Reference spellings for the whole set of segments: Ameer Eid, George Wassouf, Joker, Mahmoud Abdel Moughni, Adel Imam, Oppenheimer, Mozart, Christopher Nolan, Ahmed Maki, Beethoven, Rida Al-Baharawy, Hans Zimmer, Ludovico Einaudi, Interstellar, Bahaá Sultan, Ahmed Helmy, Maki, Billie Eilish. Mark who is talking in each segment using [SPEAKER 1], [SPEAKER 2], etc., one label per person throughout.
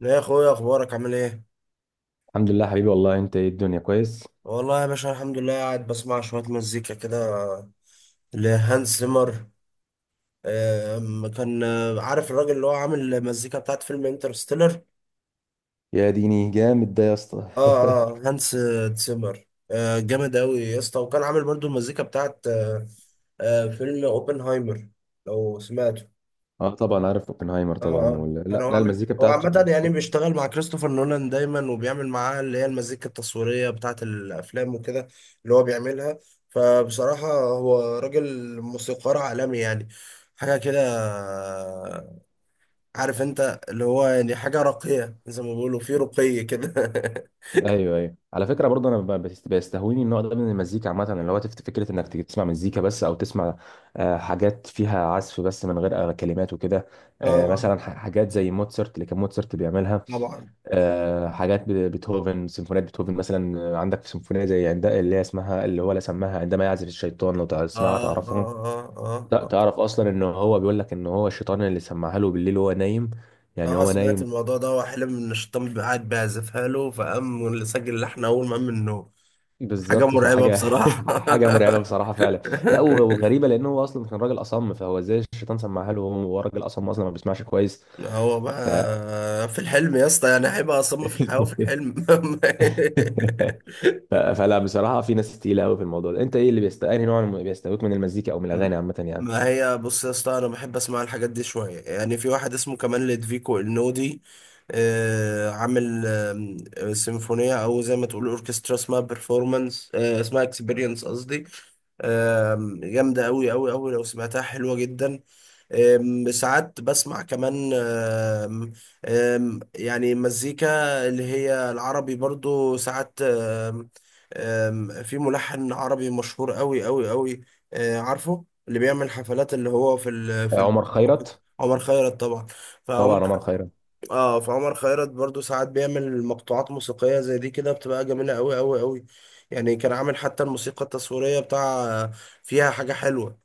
[SPEAKER 1] لا يا اخويا، اخبارك عامل ايه؟
[SPEAKER 2] الحمد لله حبيبي والله. انت ايه الدنيا كويس؟
[SPEAKER 1] والله يا باشا، الحمد لله، قاعد بسمع شويه مزيكا كده لهانس زيمر. كان عارف الراجل اللي هو عامل المزيكا بتاعت فيلم انترستيلر.
[SPEAKER 2] يا ديني جامد ده يا اسطى.
[SPEAKER 1] اه، اه، هانس زيمر، جامد قوي يا اسطى، وكان عامل برضو المزيكا بتاعت فيلم اوبنهايمر، لو سمعته.
[SPEAKER 2] اه طبعا عارف اوبنهايمر
[SPEAKER 1] اه،
[SPEAKER 2] طبعا
[SPEAKER 1] اه،
[SPEAKER 2] وال...
[SPEAKER 1] يعني
[SPEAKER 2] لا لا المزيكا
[SPEAKER 1] هو
[SPEAKER 2] بتاعته.
[SPEAKER 1] عامة، يعني بيشتغل مع كريستوفر نولان دايما، وبيعمل معاه اللي هي المزيكا التصويرية بتاعة الأفلام وكده، اللي هو بيعملها. فبصراحة هو راجل موسيقار عالمي، يعني حاجة كده، عارف انت، اللي هو يعني حاجة راقية زي ما بيقولوا، في رقي كده.
[SPEAKER 2] ايوه ايوه على فكره برضه. انا بيستهويني النوع ده من المزيكا عامه، اللي هو تفت فكره انك تيجي تسمع مزيكا بس، او تسمع حاجات فيها عزف بس من غير كلمات وكده.
[SPEAKER 1] اه
[SPEAKER 2] مثلا حاجات زي موتسرت اللي كان موتسرت بيعملها.
[SPEAKER 1] طبعا.
[SPEAKER 2] حاجات بيتهوفن، سيمفونيات بيتهوفن مثلا. عندك سيمفونيه زي عند اللي هي اسمها اللي هو لا سماها عندما يعزف الشيطان. لو تسمعها
[SPEAKER 1] اه،
[SPEAKER 2] تعرفها.
[SPEAKER 1] اه، اه،
[SPEAKER 2] لا
[SPEAKER 1] اه.
[SPEAKER 2] تعرف اصلا ان هو بيقول لك ان هو الشيطان اللي سمعها له بالليل وهو نايم، يعني
[SPEAKER 1] اه،
[SPEAKER 2] هو
[SPEAKER 1] سمعت
[SPEAKER 2] نايم.
[SPEAKER 1] الموضوع ده، وحلم ان الشيطان بيبقى قاعد بيعزفها له، فقام سجل اللحن اول ما قام من النوم. حاجة
[SPEAKER 2] بالظبط.
[SPEAKER 1] مرعبة
[SPEAKER 2] فحاجه
[SPEAKER 1] بصراحة.
[SPEAKER 2] حاجه مرعبه بصراحه فعلا. لا وغريبه، لان هو اصلا كان راجل اصم، فهو ازاي الشيطان سمعها له، وهو راجل اصم اصلا ما بيسمعش كويس.
[SPEAKER 1] هو
[SPEAKER 2] ف...
[SPEAKER 1] بقى في الحلم يا اسطى، يعني هيبقى أصم في الحياة وفي الحلم.
[SPEAKER 2] فلا بصراحه في ناس تقيله قوي في الموضوع ده. انت ايه اللي بيست انهي نوع اللي بيستهويك من المزيكا او من الاغاني عامه يعني؟
[SPEAKER 1] ما هي بص يا اسطى، انا بحب اسمع الحاجات دي شويه، يعني في واحد اسمه كمان لدفيكو النودي، عامل سيمفونيه، او زي ما تقول اوركسترا، اسمها بيرفورمانس، اسمها اكسبيرينس قصدي، جامده قوي قوي قوي، لو سمعتها حلوه جدا. ساعات بسمع كمان، يعني مزيكا اللي هي العربي برضو ساعات، في ملحن عربي مشهور قوي قوي قوي، عارفه اللي بيعمل حفلات، اللي هو في ال
[SPEAKER 2] عمر خيرت،
[SPEAKER 1] عمر خيرت طبعا.
[SPEAKER 2] طبعا
[SPEAKER 1] فعمر
[SPEAKER 2] عمر خيرت.
[SPEAKER 1] اه، فعمر خيرت برضو ساعات بيعمل مقطوعات موسيقية زي دي كده، بتبقى جميلة قوي قوي قوي. يعني كان عامل حتى الموسيقى التصويرية بتاع فيها حاجة حلوة،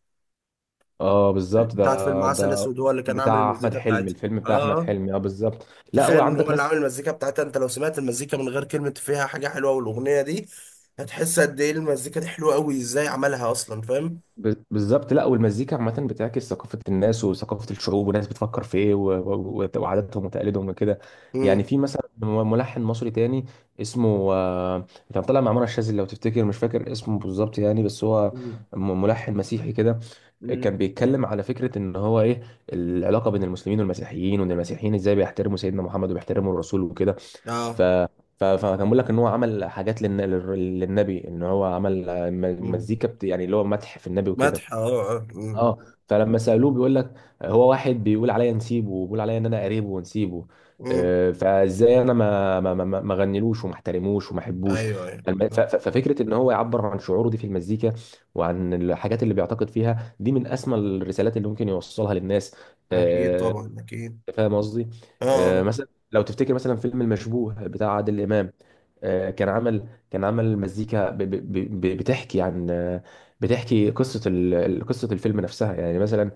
[SPEAKER 2] اه بالظبط، ده
[SPEAKER 1] بتاعت فيلم عسل
[SPEAKER 2] ده
[SPEAKER 1] اسود، هو اللي كان عامل
[SPEAKER 2] بتاع احمد
[SPEAKER 1] المزيكا
[SPEAKER 2] حلمي،
[SPEAKER 1] بتاعتها.
[SPEAKER 2] الفيلم
[SPEAKER 1] اه.
[SPEAKER 2] بتاع احمد
[SPEAKER 1] آه.
[SPEAKER 2] حلمي، اه بالظبط. لا
[SPEAKER 1] تخيل
[SPEAKER 2] هو
[SPEAKER 1] ان
[SPEAKER 2] عندك
[SPEAKER 1] هو اللي
[SPEAKER 2] ناس.
[SPEAKER 1] عامل المزيكا بتاعتها، انت لو سمعت المزيكا من غير كلمة، فيها حاجة حلوة والاغنية دي، هتحس قد ايه المزيكا دي حلوة قوي، ازاي عملها اصلا، فاهم؟
[SPEAKER 2] بالظبط. لا والمزيكا عامة بتعكس ثقافة الناس وثقافة الشعوب، والناس بتفكر في ايه و وعاداتهم وتقاليدهم وكده. يعني
[SPEAKER 1] امم.
[SPEAKER 2] في مثلا ملحن مصري تاني، اسمه كان طالع مع منى الشاذلي لو تفتكر، مش فاكر اسمه بالظبط يعني، بس هو
[SPEAKER 1] امم.
[SPEAKER 2] ملحن مسيحي كده.
[SPEAKER 1] أمم.
[SPEAKER 2] كان بيتكلم على فكرة ان هو ايه العلاقة بين المسلمين والمسيحيين، وان المسيحيين ازاي بيحترموا سيدنا محمد وبيحترموا الرسول وكده. ف
[SPEAKER 1] اه.
[SPEAKER 2] ف- فكان بيقول لك ان هو عمل حاجات للنبي، ان هو عمل
[SPEAKER 1] امم.
[SPEAKER 2] مزيكا يعني اللي هو مدح في النبي وكده.
[SPEAKER 1] مدح، اه. آه. امم.
[SPEAKER 2] اه، فلما سالوه بيقول لك هو واحد بيقول عليا نسيبه، وبيقول عليا ان انا قريبه ونسيبه.
[SPEAKER 1] أمم.
[SPEAKER 2] فازاي انا ما غنيلوش وما احترموش وما احبوش.
[SPEAKER 1] ايوه، ايوه.
[SPEAKER 2] فالم- ف-
[SPEAKER 1] آه.
[SPEAKER 2] ف- ففكره ان هو يعبر عن شعوره دي في المزيكا، وعن الحاجات اللي بيعتقد فيها دي، من اسمى الرسالات اللي ممكن يوصلها للناس.
[SPEAKER 1] اكيد
[SPEAKER 2] آه،
[SPEAKER 1] طبعا، اكيد.
[SPEAKER 2] فاهم قصدي؟
[SPEAKER 1] اه،
[SPEAKER 2] مثلا لو تفتكر مثلا فيلم المشبوه بتاع عادل امام. كان عمل مزيكا بتحكي عن بتحكي قصه قصه الفيلم نفسها، يعني مثلا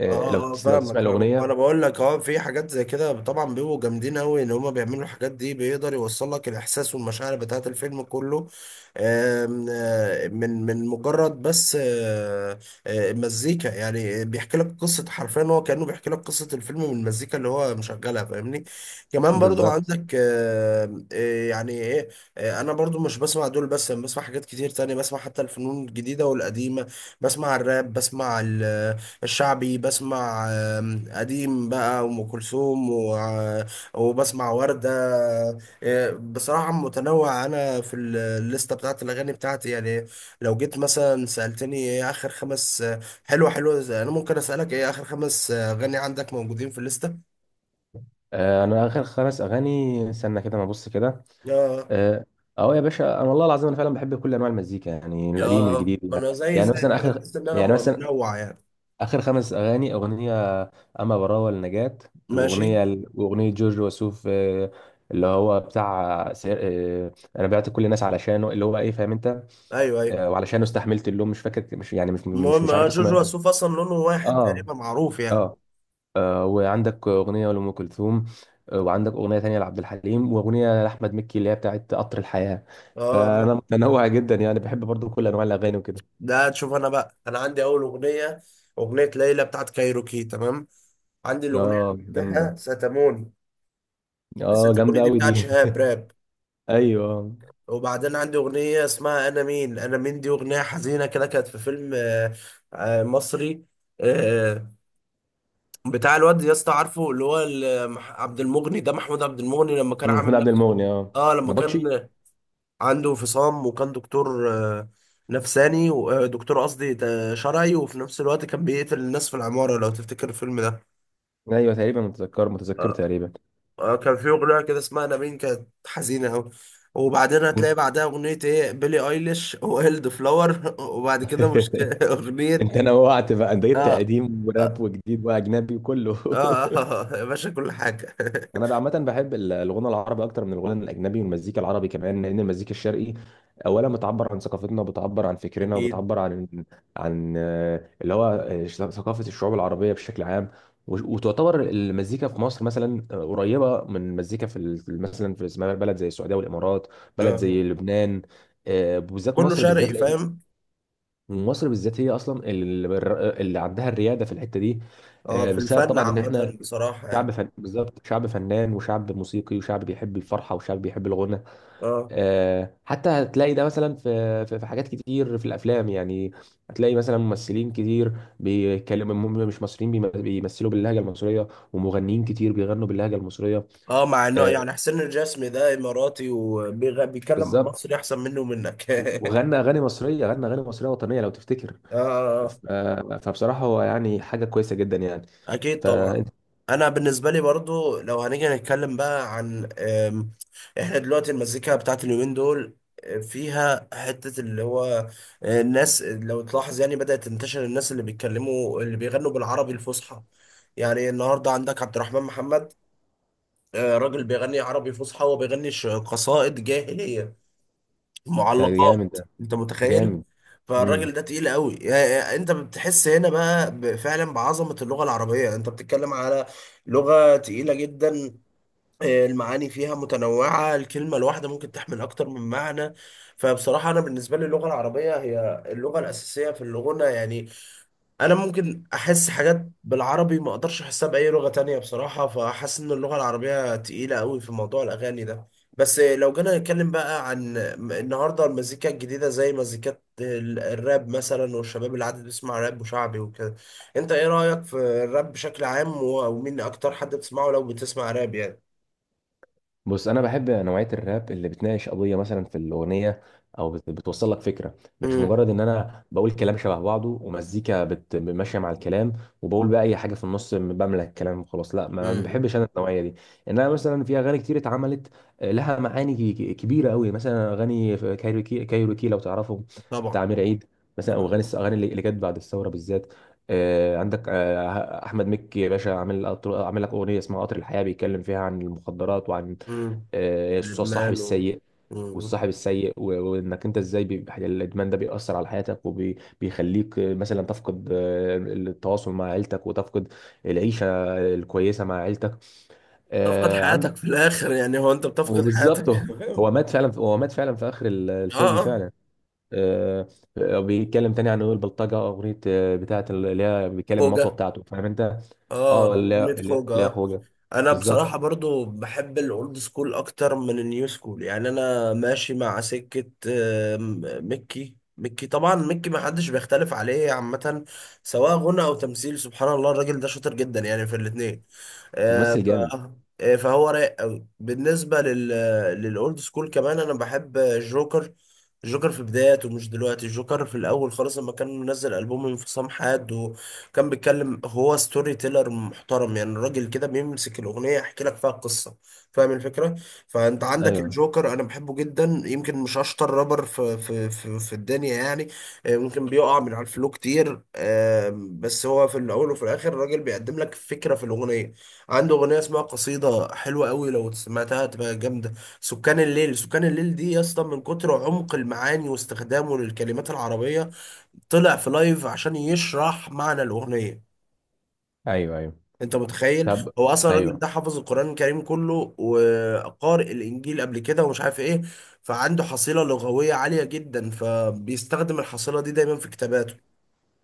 [SPEAKER 1] اه، اه،
[SPEAKER 2] لو تسمع
[SPEAKER 1] فاهمك فاهمك، ما انا
[SPEAKER 2] الاغنيه.
[SPEAKER 1] بقول لك، اه في حاجات زي كده طبعا بيبقوا جامدين قوي، ان هما بيعملوا الحاجات دي، بيقدر يوصل لك الاحساس والمشاعر بتاعت الفيلم كله. من مجرد بس، مزيكا يعني بيحكي لك قصة حرفيا، هو كأنه بيحكي لك قصة الفيلم من المزيكا اللي هو مشغلها، فاهمني؟ كمان برضو
[SPEAKER 2] بالظبط.
[SPEAKER 1] عندك يعني ايه، انا برضو مش بسمع دول بس، انا بسمع حاجات كتير تانية، بسمع حتى الفنون الجديدة والقديمة، بسمع الراب، بسمع الشعبي، بسمع قديم بقى، وأم كلثوم وبسمع وردة. بصراحة متنوع أنا في الليستة بتاعت الأغاني بتاعتي يعني. لو جيت مثلا سألتني إيه آخر خمس حلوة حلوة أنا ممكن أسألك، إيه آخر خمس أغاني عندك موجودين في الليستة؟
[SPEAKER 2] انا اخر خمس اغاني استنى كده ما ابص كده.
[SPEAKER 1] آه.
[SPEAKER 2] اه أهو يا باشا، انا والله العظيم انا فعلا بحب كل انواع المزيكا، يعني القديم
[SPEAKER 1] آه.
[SPEAKER 2] والجديد
[SPEAKER 1] ما
[SPEAKER 2] يعني.
[SPEAKER 1] أنا زي
[SPEAKER 2] يعني
[SPEAKER 1] زي
[SPEAKER 2] مثلا
[SPEAKER 1] كده،
[SPEAKER 2] اخر
[SPEAKER 1] تحس إن أنا
[SPEAKER 2] يعني مثلا
[SPEAKER 1] منوع يعني.
[SPEAKER 2] اخر خمس اغاني، اغنيه اما براوة لنجاة،
[SPEAKER 1] ماشي.
[SPEAKER 2] واغنيه جورج وسوف، اللي هو بتاع سير... آه، انا بعت كل الناس علشانه، اللي هو ايه فاهم انت.
[SPEAKER 1] أيوه، أيوه.
[SPEAKER 2] وعلشانه استحملت اللوم، مش فاكر، مش يعني مش مش
[SPEAKER 1] المهم،
[SPEAKER 2] مش عارف اسمها
[SPEAKER 1] جوجو
[SPEAKER 2] ايه.
[SPEAKER 1] وسوف أصلا لونه واحد
[SPEAKER 2] اه
[SPEAKER 1] تقريبا، معروف يعني.
[SPEAKER 2] اه. وعندك اغنيه لام كلثوم، وعندك اغنيه تانية لعبد الحليم، واغنيه لاحمد مكي اللي هي بتاعت قطر الحياه. فانا
[SPEAKER 1] آه.
[SPEAKER 2] متنوع جدا يعني، بحب برضو كل انواع الاغاني وكده.
[SPEAKER 1] ده تشوف انا بقى، انا عندي اول اغنيه، اغنيه ليلى بتاعت كايروكي، تمام. عندي الاغنيه اللي
[SPEAKER 2] اه
[SPEAKER 1] بعدها
[SPEAKER 2] جامده،
[SPEAKER 1] ستموني، بس
[SPEAKER 2] اه
[SPEAKER 1] الاغنيه
[SPEAKER 2] جامده
[SPEAKER 1] دي
[SPEAKER 2] قوي دي
[SPEAKER 1] بتاعت شهاب راب.
[SPEAKER 2] ايوه.
[SPEAKER 1] وبعدين عندي اغنيه اسمها انا مين، انا مين دي اغنيه حزينه كده، كانت في فيلم مصري، آه، بتاع الواد يا اسطى، عارفه اللي هو عبد المغني، ده محمود عبد المغني لما كان
[SPEAKER 2] محمود
[SPEAKER 1] عامل
[SPEAKER 2] عبد
[SPEAKER 1] نفسه،
[SPEAKER 2] المغني اه.
[SPEAKER 1] اه، لما
[SPEAKER 2] نبطشي.
[SPEAKER 1] كان عنده انفصام، وكان دكتور نفساني، دكتور قصدي شرعي، وفي نفس الوقت كان بيقتل الناس في العمارة، لو تفتكر الفيلم ده.
[SPEAKER 2] ايوه تقريبا، متذكر، متذكره
[SPEAKER 1] آه،
[SPEAKER 2] تقريبا.
[SPEAKER 1] كان في أغنية كده اسمها نابين، كانت حزينة أوي. وبعدين
[SPEAKER 2] جوف.
[SPEAKER 1] هتلاقي بعدها أغنية إيه، بيلي أيليش وهيلد فلاور وبعد كده مش أغنية.
[SPEAKER 2] انت نوعت بقى، انت جبت
[SPEAKER 1] آه.
[SPEAKER 2] قديم
[SPEAKER 1] آه.
[SPEAKER 2] وراب وجديد واجنبي وكله
[SPEAKER 1] آه. يا باشا كل حاجة.
[SPEAKER 2] انا عامه بحب ال- الغنى العربي اكتر من الغنى الاجنبي، والمزيكا العربي كمان، لان المزيكا الشرقي اولا بتعبر عن ثقافتنا، بتعبر عن فكرنا،
[SPEAKER 1] أكيد.
[SPEAKER 2] وبتعبر عن عن آه، اللي هو آه، ثقافه الشعوب العربيه بشكل عام. وش- وتعتبر المزيكا في مصر مثلا قريبه من المزيكا في مثلا في اسمها بلد زي السعوديه والامارات، بلد
[SPEAKER 1] آه،
[SPEAKER 2] زي لبنان. بالذات
[SPEAKER 1] كله
[SPEAKER 2] مصر
[SPEAKER 1] شرقي
[SPEAKER 2] بالذات، لأن
[SPEAKER 1] فاهم.
[SPEAKER 2] مصر بالذات هي اصلا اللي عندها الرياده في الحته دي.
[SPEAKER 1] آه، في
[SPEAKER 2] بسبب
[SPEAKER 1] الفن
[SPEAKER 2] طبعا ان احنا
[SPEAKER 1] عامة بصراحة
[SPEAKER 2] شعب
[SPEAKER 1] يعني.
[SPEAKER 2] فن، بالظبط شعب فنان وشعب موسيقي وشعب بيحب الفرحه وشعب بيحب الغنى.
[SPEAKER 1] آه.
[SPEAKER 2] آه حتى هتلاقي ده مثلا في في حاجات كتير في الافلام يعني. هتلاقي مثلا ممثلين كتير بيتكلموا هم مش مصريين، بيمثلوا باللهجه المصريه، ومغنيين كتير بيغنوا باللهجه المصريه.
[SPEAKER 1] اه، مع انه
[SPEAKER 2] آه
[SPEAKER 1] يعني حسين الجسمي ده اماراتي، وبيتكلم
[SPEAKER 2] بالظبط.
[SPEAKER 1] مصري احسن منه ومنك. اه.
[SPEAKER 2] وغنى اغاني مصريه غنى اغاني مصريه وطنيه لو تفتكر.
[SPEAKER 1] آه. آه.
[SPEAKER 2] فبصراحه هو يعني حاجه كويسه جدا يعني.
[SPEAKER 1] اكيد طبعا.
[SPEAKER 2] فانت
[SPEAKER 1] انا بالنسبه لي برضو، لو هنيجي نتكلم بقى عن احنا دلوقتي المزيكا بتاعت اليومين دول، فيها حته اللي هو، الناس لو تلاحظ يعني بدات تنتشر الناس اللي بيتكلموا اللي بيغنوا بالعربي الفصحى. يعني النهارده عندك عبد الرحمن محمد، راجل بيغني عربي فصحى وبيغني قصائد جاهلية،
[SPEAKER 2] أنت
[SPEAKER 1] معلقات.
[SPEAKER 2] جامد ده،
[SPEAKER 1] انت متخيل؟
[SPEAKER 2] جامد.
[SPEAKER 1] فالراجل ده تقيل قوي يعني، انت بتحس هنا بقى فعلا بعظمة اللغة العربية، انت بتتكلم على لغة تقيلة جدا. المعاني فيها متنوعة، الكلمة الواحدة ممكن تحمل أكتر من معنى. فبصراحة أنا بالنسبة لي اللغة العربية هي اللغة الأساسية في اللغة يعني. انا ممكن احس حاجات بالعربي ما اقدرش احسها باي لغة تانية بصراحة، فحاسس ان اللغة العربية تقيلة قوي في موضوع الاغاني ده. بس لو جينا نتكلم بقى عن النهاردة المزيكا الجديدة، زي مزيكات الراب مثلا، والشباب اللي عاد بيسمع راب وشعبي وكده، انت ايه رأيك في الراب بشكل عام، ومين اكتر حد بتسمعه لو بتسمع راب يعني؟
[SPEAKER 2] بص انا بحب نوعيه الراب اللي بتناقش قضيه مثلا في الاغنيه، او بتوصل لك فكره، مش
[SPEAKER 1] امم.
[SPEAKER 2] مجرد ان انا بقول كلام شبه بعضه، ومزيكا ماشيه مع الكلام، وبقول بقى اي حاجه في النص بملى الكلام وخلاص. لا ما
[SPEAKER 1] امم.
[SPEAKER 2] بحبش انا النوعيه دي. انما مثلا في اغاني كتير اتعملت لها معاني كبيره قوي، مثلا اغاني في كايروكي. كايروكي لو تعرفهم،
[SPEAKER 1] طبعا.
[SPEAKER 2] بتاع امير عيد مثلا. او اغاني الاغاني اللي اللي جت بعد الثوره بالذات. آه، عندك آه، احمد مكي يا باشا عامل عامل لك اغنيه اسمها قطر الحياه، بيتكلم فيها عن المخدرات وعن
[SPEAKER 1] امم.
[SPEAKER 2] آه، الصاحب
[SPEAKER 1] لبنان و...
[SPEAKER 2] السيء
[SPEAKER 1] مم.
[SPEAKER 2] والصاحب السيء، و وانك انت ازاي بيبقى الادمان ده بيأثر على حياتك، وبيخليك مثلا تفقد التواصل مع عيلتك، وتفقد العيشة الكويسة مع عيلتك.
[SPEAKER 1] تفقد
[SPEAKER 2] آه،
[SPEAKER 1] حياتك
[SPEAKER 2] عندك
[SPEAKER 1] في الاخر يعني، هو انت بتفقد حياتك.
[SPEAKER 2] وبالظبط، هو هو مات فعلا في اخر
[SPEAKER 1] اه،
[SPEAKER 2] الفيلم
[SPEAKER 1] اه.
[SPEAKER 2] فعلا. آه، بيتكلم تاني عن البلطجة، اغنية بتاعة اللي هي بيتكلم المطوة
[SPEAKER 1] خوجة.
[SPEAKER 2] بتاعته، فاهم انت.
[SPEAKER 1] اه،
[SPEAKER 2] اه اللي هي
[SPEAKER 1] أغنية
[SPEAKER 2] اللي هي-
[SPEAKER 1] خوجة،
[SPEAKER 2] اللي هي
[SPEAKER 1] اه.
[SPEAKER 2] اخوه.
[SPEAKER 1] أنا بصراحة
[SPEAKER 2] بالظبط،
[SPEAKER 1] برضو بحب الأولد سكول أكتر من النيو سكول، يعني أنا ماشي مع سكة مكي، مكي طبعا، مكي ما حدش بيختلف عليه عامة، سواء غنى أو تمثيل، سبحان الله، الراجل ده شاطر جدا يعني في الاتنين. آه،
[SPEAKER 2] ممثل
[SPEAKER 1] ف
[SPEAKER 2] جامد.
[SPEAKER 1] فهو رايق قوي بالنسبه لل للاولد سكول. كمان انا بحب جوكر، جوكر في بداياته مش دلوقتي، جوكر في الاول خالص، لما كان منزل البوم انفصام حاد، وكان بيتكلم، هو ستوري تيلر محترم يعني، الراجل كده بيمسك الاغنيه يحكي لك فيها القصه، فاهم الفكره؟ فانت عندك
[SPEAKER 2] ايوه
[SPEAKER 1] الجوكر، انا بحبه جدا، يمكن مش اشطر رابر في في الدنيا يعني، ممكن بيقع من على الفلو كتير، بس هو في الاول وفي الاخر الراجل بيقدم لك فكره في الاغنيه. عنده اغنيه اسمها قصيده، حلوه قوي لو سمعتها، تبقى جامده. سكان الليل، سكان الليل دي يا اسطى، من كتر عمق المعاني واستخدامه للكلمات العربيه، طلع في لايف عشان يشرح معنى الاغنيه.
[SPEAKER 2] ايوه ايوه.
[SPEAKER 1] انت متخيل؟
[SPEAKER 2] طب،
[SPEAKER 1] هو اصلا الراجل
[SPEAKER 2] ايوه.
[SPEAKER 1] ده حافظ القران الكريم كله، وقارئ الانجيل قبل كده، ومش عارف ايه. فعنده حصيله لغويه عاليه جدا، فبيستخدم الحصيله دي دايما في كتاباته.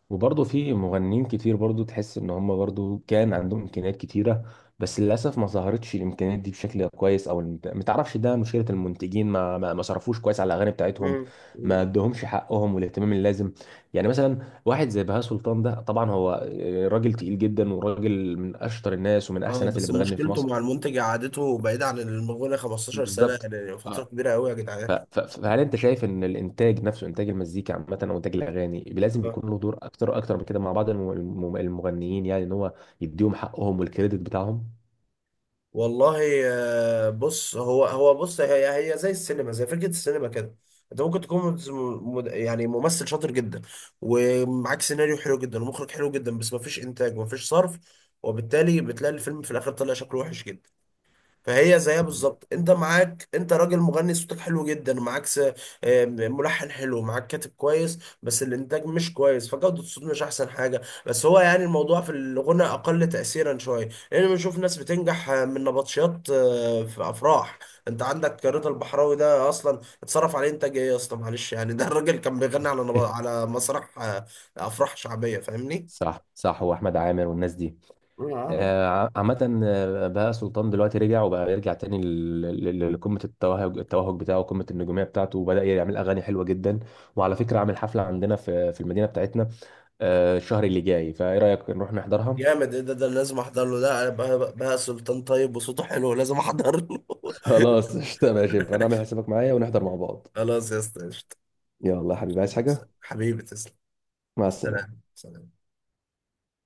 [SPEAKER 2] وبرضه في مغنيين كتير برضه تحس ان هم برضه كان عندهم امكانيات كتيره، بس للاسف ما ظهرتش الامكانيات دي بشكل كويس، او ما تعرفش ده مشكله المنتجين، ما صرفوش كويس على الاغاني بتاعتهم،
[SPEAKER 1] مم.
[SPEAKER 2] ما
[SPEAKER 1] مم.
[SPEAKER 2] ادوهمش حقهم والاهتمام اللازم. يعني مثلا واحد زي بهاء سلطان ده، طبعا هو راجل تقيل جدا، وراجل من اشطر الناس ومن احسن
[SPEAKER 1] اه،
[SPEAKER 2] الناس اللي
[SPEAKER 1] بس
[SPEAKER 2] بتغني في
[SPEAKER 1] مشكلته
[SPEAKER 2] مصر.
[SPEAKER 1] مع المنتج، قعدته بعيد عن المغنى 15 سنة،
[SPEAKER 2] بالظبط.
[SPEAKER 1] يعني فترة كبيرة قوي يا
[SPEAKER 2] ف-
[SPEAKER 1] جدعان.
[SPEAKER 2] ف- فهل انت شايف ان الانتاج نفسه، انتاج المزيكا عامه او انتاج الاغاني، لازم يكون
[SPEAKER 1] آه.
[SPEAKER 2] له دور اكتر اكتر من كده مع بعض المغنيين، يعني ان هو يديهم حقهم والكريدت بتاعهم؟
[SPEAKER 1] والله، بص، هو هو بص هي زي السينما، زي فكرة السينما كده، انت ممكن تكون يعني ممثل شاطر جدا، ومعاك سيناريو حلو جدا ومخرج حلو جدا، بس مفيش انتاج ومفيش صرف، وبالتالي بتلاقي الفيلم في الاخر طلع شكله وحش جدا. فهي زيها بالظبط، انت معاك، انت راجل مغني صوتك حلو جدا، معاك ملحن حلو، معاك كاتب كويس، بس الانتاج مش كويس، فجودة الصوت مش احسن حاجة. بس هو يعني الموضوع في الغنى اقل تأثيرا شوية، لان بنشوف ناس بتنجح من نبطشيات في افراح. انت عندك رضا البحراوي ده اصلا اتصرف عليه انتاج ايه يا اسطى، معلش يعني، ده الراجل كان بيغني على على مسرح افراح شعبية، فاهمني؟
[SPEAKER 2] صح صح، واحمد عامر والناس دي. آه، عامه آه، بهاء سلطان دلوقتي رجع وبقى يرجع تاني لقمه التوهج بتاعه، قمه النجوميه بتاعته، وبدا يعمل اغاني حلوه جدا. وعلى فكره عامل حفله عندنا في المدينه بتاعتنا الشهر اللي جاي، فايه رايك نروح نحضرها؟
[SPEAKER 1] جامد! ايه ده، ده لازم احضر له، ده بقى سلطان طيب وصوته حلو، لازم احضر له.
[SPEAKER 2] خلاص قشطة، ماشي، يبقى انا اعمل حسابك معايا ونحضر مع بعض.
[SPEAKER 1] خلاص يا اسطى، قشطة.
[SPEAKER 2] يلا يا حبيبي، عايز حاجة؟
[SPEAKER 1] حبيبي تسلم.
[SPEAKER 2] مع السلامة.
[SPEAKER 1] سلام، سلام.